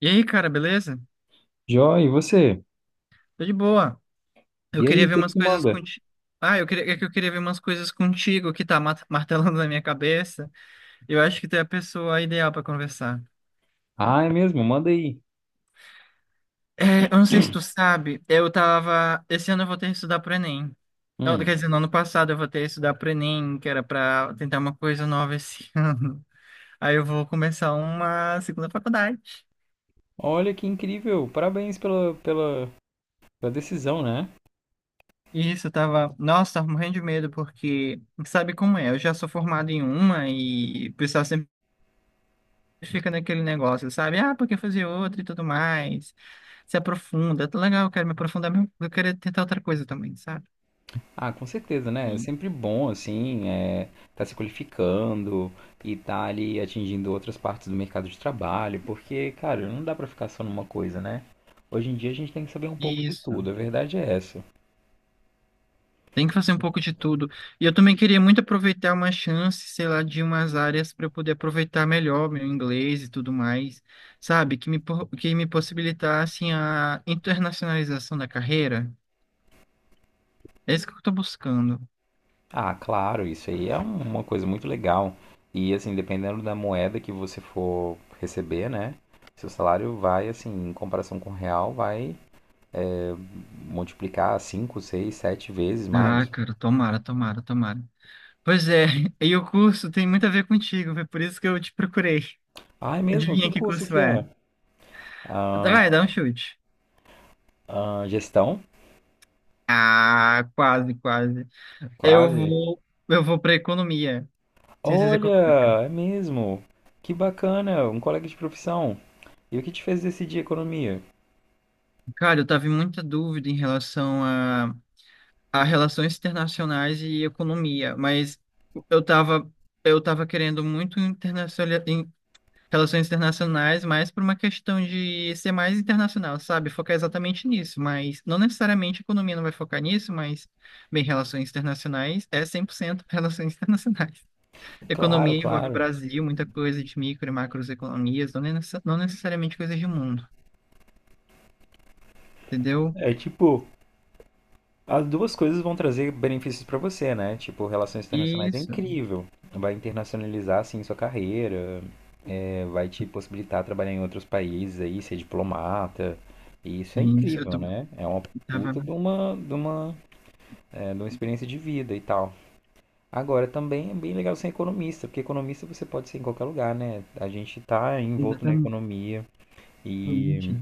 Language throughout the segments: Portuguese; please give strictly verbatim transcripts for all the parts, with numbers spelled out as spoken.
E aí, cara, beleza? Jó, e você? Tô de boa. Eu E aí, queria o ver que umas que coisas manda? contigo. Ah, eu queria... é que eu queria ver umas coisas contigo que tá mat- martelando na minha cabeça. Eu acho que tu é a pessoa ideal pra conversar. Ah, é mesmo, manda aí. É, eu não sei se tu sabe, eu tava. Esse ano eu voltei a estudar pro Enem. Não, quer Hum. dizer, no ano passado eu voltei a estudar pro Enem, que era pra tentar uma coisa nova esse ano. Aí eu vou começar uma segunda faculdade. Olha que incrível, parabéns pela, pela, pela decisão, né? Isso, eu tava. Nossa, tava morrendo de medo, porque sabe como é? Eu já sou formado em uma e o pessoal sempre fica naquele negócio, sabe? Ah, porque fazer outro e tudo mais. Se aprofunda. Tá legal, eu quero me aprofundar, mas eu quero tentar outra coisa também, sabe? Ah, com certeza, né? É Sim. sempre bom, assim, é, tá se qualificando e tá ali atingindo outras partes do mercado de trabalho, porque, cara, não dá pra ficar só numa coisa, né? Hoje em dia a gente tem que saber um pouco de Isso. tudo, a verdade é essa. Tem que fazer um pouco de tudo. E eu também queria muito aproveitar uma chance, sei lá, de umas áreas para eu poder aproveitar melhor meu inglês e tudo mais, sabe? Que me, po- que me possibilitasse a internacionalização da carreira. É isso que eu tô buscando. Ah, claro, isso aí é um- uma coisa muito legal. E assim, dependendo da moeda que você for receber, né? Seu salário vai, assim, em comparação com o real, vai multiplicar cinco, seis, sete vezes Ah, mais. cara, tomara, tomara, tomara. Pois é, e o curso tem muito a ver contigo, foi por isso que eu te procurei. Ah, é mesmo? Que Adivinha que curso curso que é? é? Ah, Vai, dá um chute. ah, gestão? Ah, quase, quase. Eu Quase. vou, eu vou para economia, ciências Olha, econômicas. é mesmo. Que bacana, um colega de profissão. E o que te fez decidir economia? Cara, eu tava em muita dúvida em relação a, a relações internacionais e economia, mas eu tava, eu tava querendo muito internacional, em relações internacionais, mais por uma questão de ser mais internacional, sabe? Focar exatamente nisso, mas não necessariamente economia não vai focar nisso, mas, bem, relações internacionais é cem por cento relações internacionais. Claro, Economia envolve claro. Brasil, muita coisa de micro e macroeconomias, não, necessa- não necessariamente coisas de mundo, entendeu? É tipo, as duas coisas vão trazer benefícios pra você, né? Tipo, relações internacionais é Isso, incrível. Vai internacionalizar, assim, sua carreira, é, vai te possibilitar trabalhar em outros países aí, ser diplomata. E isso é isso, eu incrível, tô, né? É uma tava... puta de uma, de uma, é, de uma experiência de vida e tal. Agora, também é bem legal ser economista, porque economista você pode ser em qualquer lugar, né? A gente tá envolto na Exatamente. economia e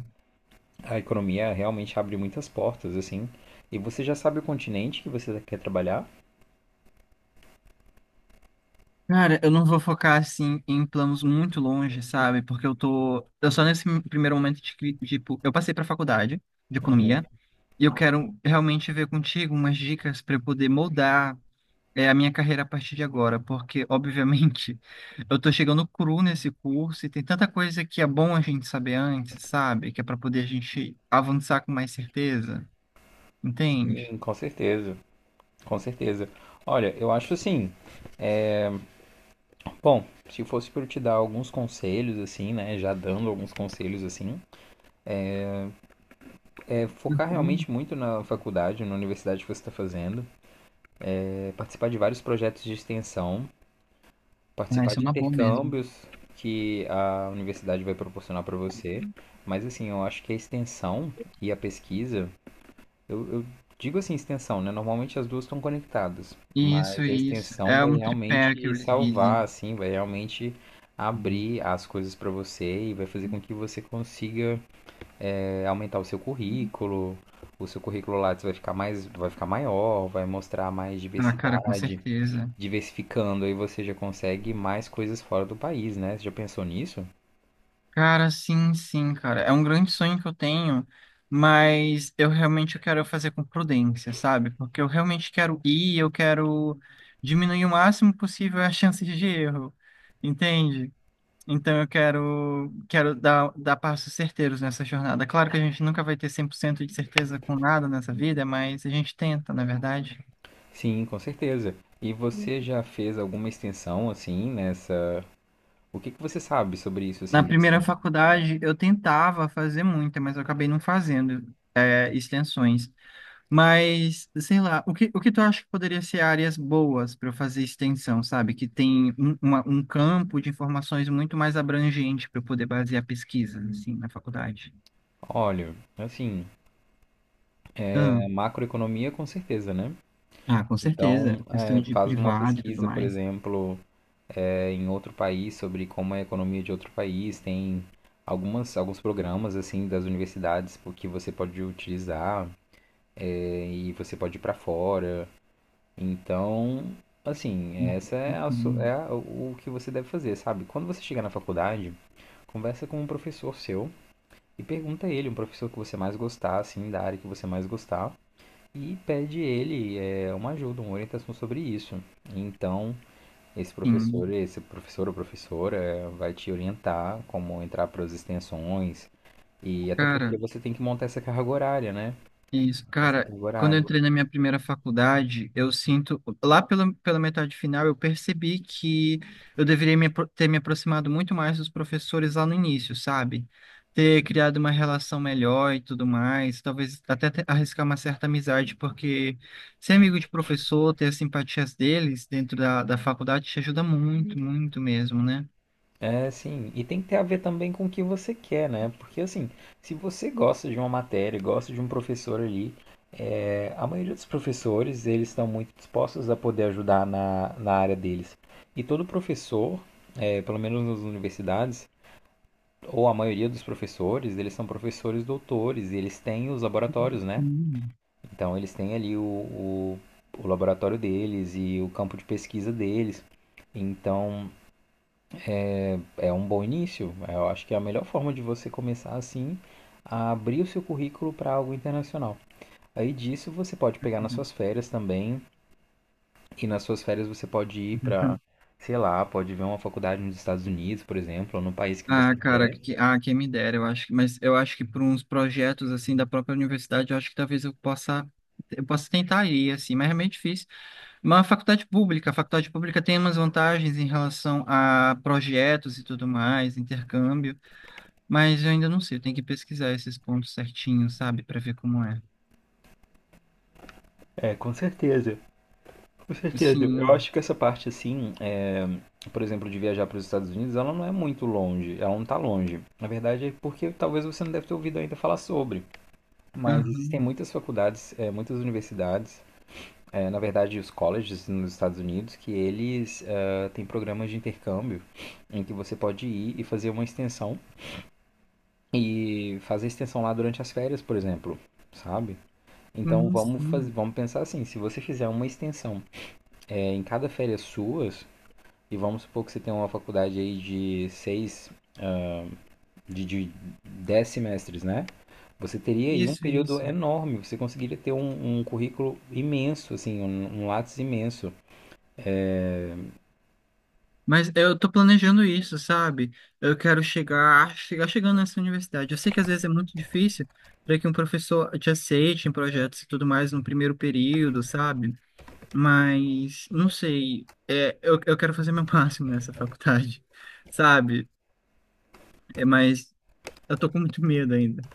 a economia realmente abre muitas portas, assim. E você já sabe o continente que você quer trabalhar. Cara, eu não vou focar, assim, em planos muito longe, sabe? Porque eu tô... Eu só nesse primeiro momento de, cri- tipo, eu passei pra faculdade de Uhum. economia, e eu quero realmente ver contigo umas dicas para eu poder moldar é a minha carreira a partir de agora, porque, obviamente, eu tô chegando cru nesse curso e tem tanta coisa que é bom a gente saber antes, sabe? Que é para poder a gente avançar com mais certeza, entende? Sim, com certeza, com certeza. Olha, eu acho assim, bom, se fosse para eu te dar alguns conselhos assim, né, já dando alguns conselhos assim, é focar Uhum. realmente muito na faculdade, na universidade que você está fazendo, é participar de vários projetos de extensão, Ah, participar isso é de uma boa mesmo. intercâmbios que a universidade vai proporcionar para você. Mas assim, eu acho que a extensão e a pesquisa Eu, eu digo assim, extensão, né? Normalmente as duas estão conectadas, Isso, mas a isso. extensão É vai um tripé que realmente eles salvar, dizem. assim, vai realmente abrir as coisas para você e vai fazer com que você consiga é, aumentar o seu currículo, o seu currículo Lattes vai ficar mais, vai ficar maior, vai mostrar mais Ah, cara, com diversidade, certeza. diversificando, aí você já consegue mais coisas fora do país, né? Você já pensou nisso? Cara, sim, sim, cara. É um grande sonho que eu tenho, mas eu realmente quero fazer com prudência, sabe? Porque eu realmente quero ir, eu quero diminuir o máximo possível as chances de erro, entende? Então eu quero, quero dar, dar passos certeiros nessa jornada. Claro que a gente nunca vai ter cem por cento de certeza com nada nessa vida, mas a gente tenta, na verdade. Sim, com certeza. E você já fez alguma extensão assim nessa? O que que você sabe sobre isso Na assim, de primeira extensão? faculdade, eu tentava fazer muita, mas eu acabei não fazendo, é, extensões. Mas, sei lá, o que, o que tu acha que poderia ser áreas boas para eu fazer extensão, sabe? Que tem um, uma- um campo de informações muito mais abrangente para eu poder basear pesquisas, assim, na faculdade. Olha, assim, Ah, é, macroeconomia com certeza, né? ah, com certeza. Então, Questão é, de faz uma privado e tudo pesquisa, por mais. exemplo, é, em outro país sobre como é a economia de outro país. Tem algumas, alguns programas assim das universidades po- que você pode utilizar é, e você pode ir para fora. Então, assim, essa é, a, su- é Uhum. a- o que você deve fazer, sabe? Quando você chegar na faculdade, conversa com um professor seu e pergunta a ele, um professor que você mais gostar, assim, da área que você mais gostar e pede ele é, uma ajuda, uma orientação sobre isso. Então, esse professor, Sim. esse professor ou professora é, vai te orientar como entrar para as extensões e até porque Cara. você tem que montar essa carga horária, né? Isso, Essa cara, carga quando eu horária. entrei na minha primeira faculdade, eu sinto, lá pela, pela metade final, eu percebi que eu deveria me apro- ter me aproximado muito mais dos professores lá no início, sabe? Ter criado uma relação melhor e tudo mais, talvez até te- arriscar uma certa amizade, porque ser amigo de professor, ter as simpatias deles dentro da, da faculdade te ajuda muito, muito mesmo, né? É, sim, e tem que ter a ver também com o que você quer, né? Porque assim, se você gosta de uma matéria, gosta de um professor ali, é, a maioria dos professores, eles estão muito dispostos a poder ajudar na, na área deles. E todo professor, é, pelo menos nas universidades, ou a maioria dos professores, eles são professores doutores e eles têm os laboratórios, né? Hum. Então eles têm ali o, o, o laboratório deles e o campo de pesquisa deles. Então é um bom início. Eu acho que é a melhor forma de você começar assim a abrir o seu currículo para algo internacional. Aí disso você pode pegar nas suas férias também, e nas suas férias você pode ir para, sei lá, pode ver uma faculdade nos Estados Unidos, por exemplo, ou no país que Ah, você cara, quer. que, ah, quem me dera, eu acho que, mas eu acho que por uns projetos assim da própria universidade, eu acho que talvez eu possa, eu possa tentar ir, assim, mas é meio difícil. Mas a faculdade pública, a faculdade pública tem umas vantagens em relação a projetos e tudo mais, intercâmbio, mas eu ainda não sei, eu tenho que pesquisar esses pontos certinhos, sabe, para ver como é. É, com certeza. Com certeza. Eu Sim, acho que essa parte, assim, é, por exemplo, de viajar para os Estados Unidos, ela não é muito longe. Ela não está longe. Na verdade, é porque talvez você não deve ter ouvido ainda falar sobre. Mas existem aham, muitas faculdades, é, muitas universidades, é, na verdade, os colleges nos Estados Unidos, que eles é, têm programas de intercâmbio em que você pode ir e fazer uma extensão e fazer a extensão lá durante as férias, por exemplo, sabe? Então sim, vamos fazer, sim. vamos pensar assim, se você fizer uma extensão é, em cada férias suas, e vamos supor que você tem uma faculdade aí de seis, de, de dez semestres, né? Você teria aí um Isso, período isso. enorme, você conseguiria ter um, um currículo imenso, assim, um, um lápis imenso. Mas eu tô planejando isso, sabe? Eu quero chegar, chegar chegando nessa universidade. Eu sei que às vezes é muito difícil para que um professor te aceite em projetos e tudo mais no primeiro período, sabe? Mas não sei, é, eu, eu quero fazer meu máximo nessa faculdade, sabe? É, mas eu tô com muito medo ainda.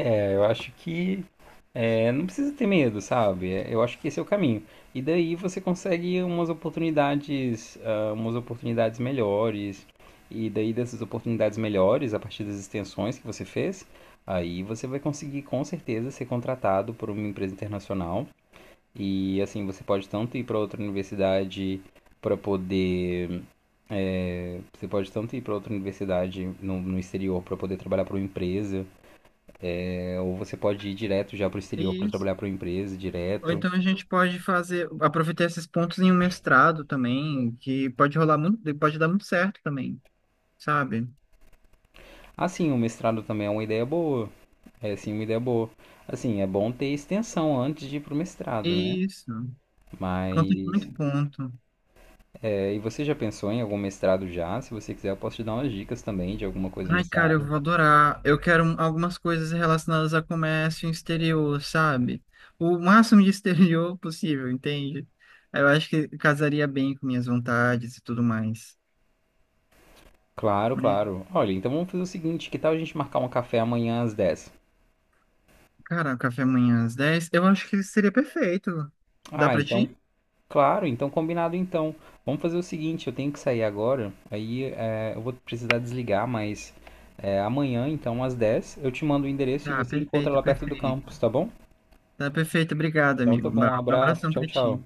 É, eu acho que é, não precisa ter medo, sabe? É, eu acho que esse é o caminho. E daí você consegue umas oportunidades, ah, umas oportunidades melhores. E daí dessas oportunidades melhores, a partir das extensões que você fez, aí você vai conseguir com certeza ser contratado por uma empresa internacional. E assim, você pode tanto ir para outra universidade para poder. É, você pode tanto ir para outra universidade no, no exterior para poder trabalhar para uma empresa, é, ou você pode ir direto já para o exterior para Isso. trabalhar para uma empresa Ou direto. então a gente pode fazer, aproveitar esses pontos em um mestrado também, que pode rolar muito, pode dar muito certo também, sabe? Assim, o mestrado também é uma ideia boa. É sim uma ideia boa. Assim, é bom ter extensão antes de ir pro mestrado, né? Isso, conta Mas muito ponto. é, e você já pensou em algum mestrado já? Se você quiser, eu posso te dar umas dicas também de alguma coisa Ai, nessa cara, eu área. vou adorar. Eu quero um, algumas coisas relacionadas a comércio exterior, sabe? O máximo de exterior possível, entende? Eu acho que casaria bem com minhas vontades e tudo mais. Claro, Mas, claro. Olha, então vamos fazer o seguinte, que tal a gente marcar um café amanhã às dez? cara, um café amanhã às dez eu acho que seria perfeito. Dá Ah, pra então, ti? claro, então combinado então. Vamos fazer o seguinte, eu tenho que sair agora, aí é, eu vou precisar desligar, mas é, amanhã então às dez eu te mando o endereço e Tá, você encontra perfeito, lá perto do perfeito. campus, tá bom? Tá perfeito, obrigado, Então amigo. tá bom, um Um abraço, abração tchau, pra tchau. ti.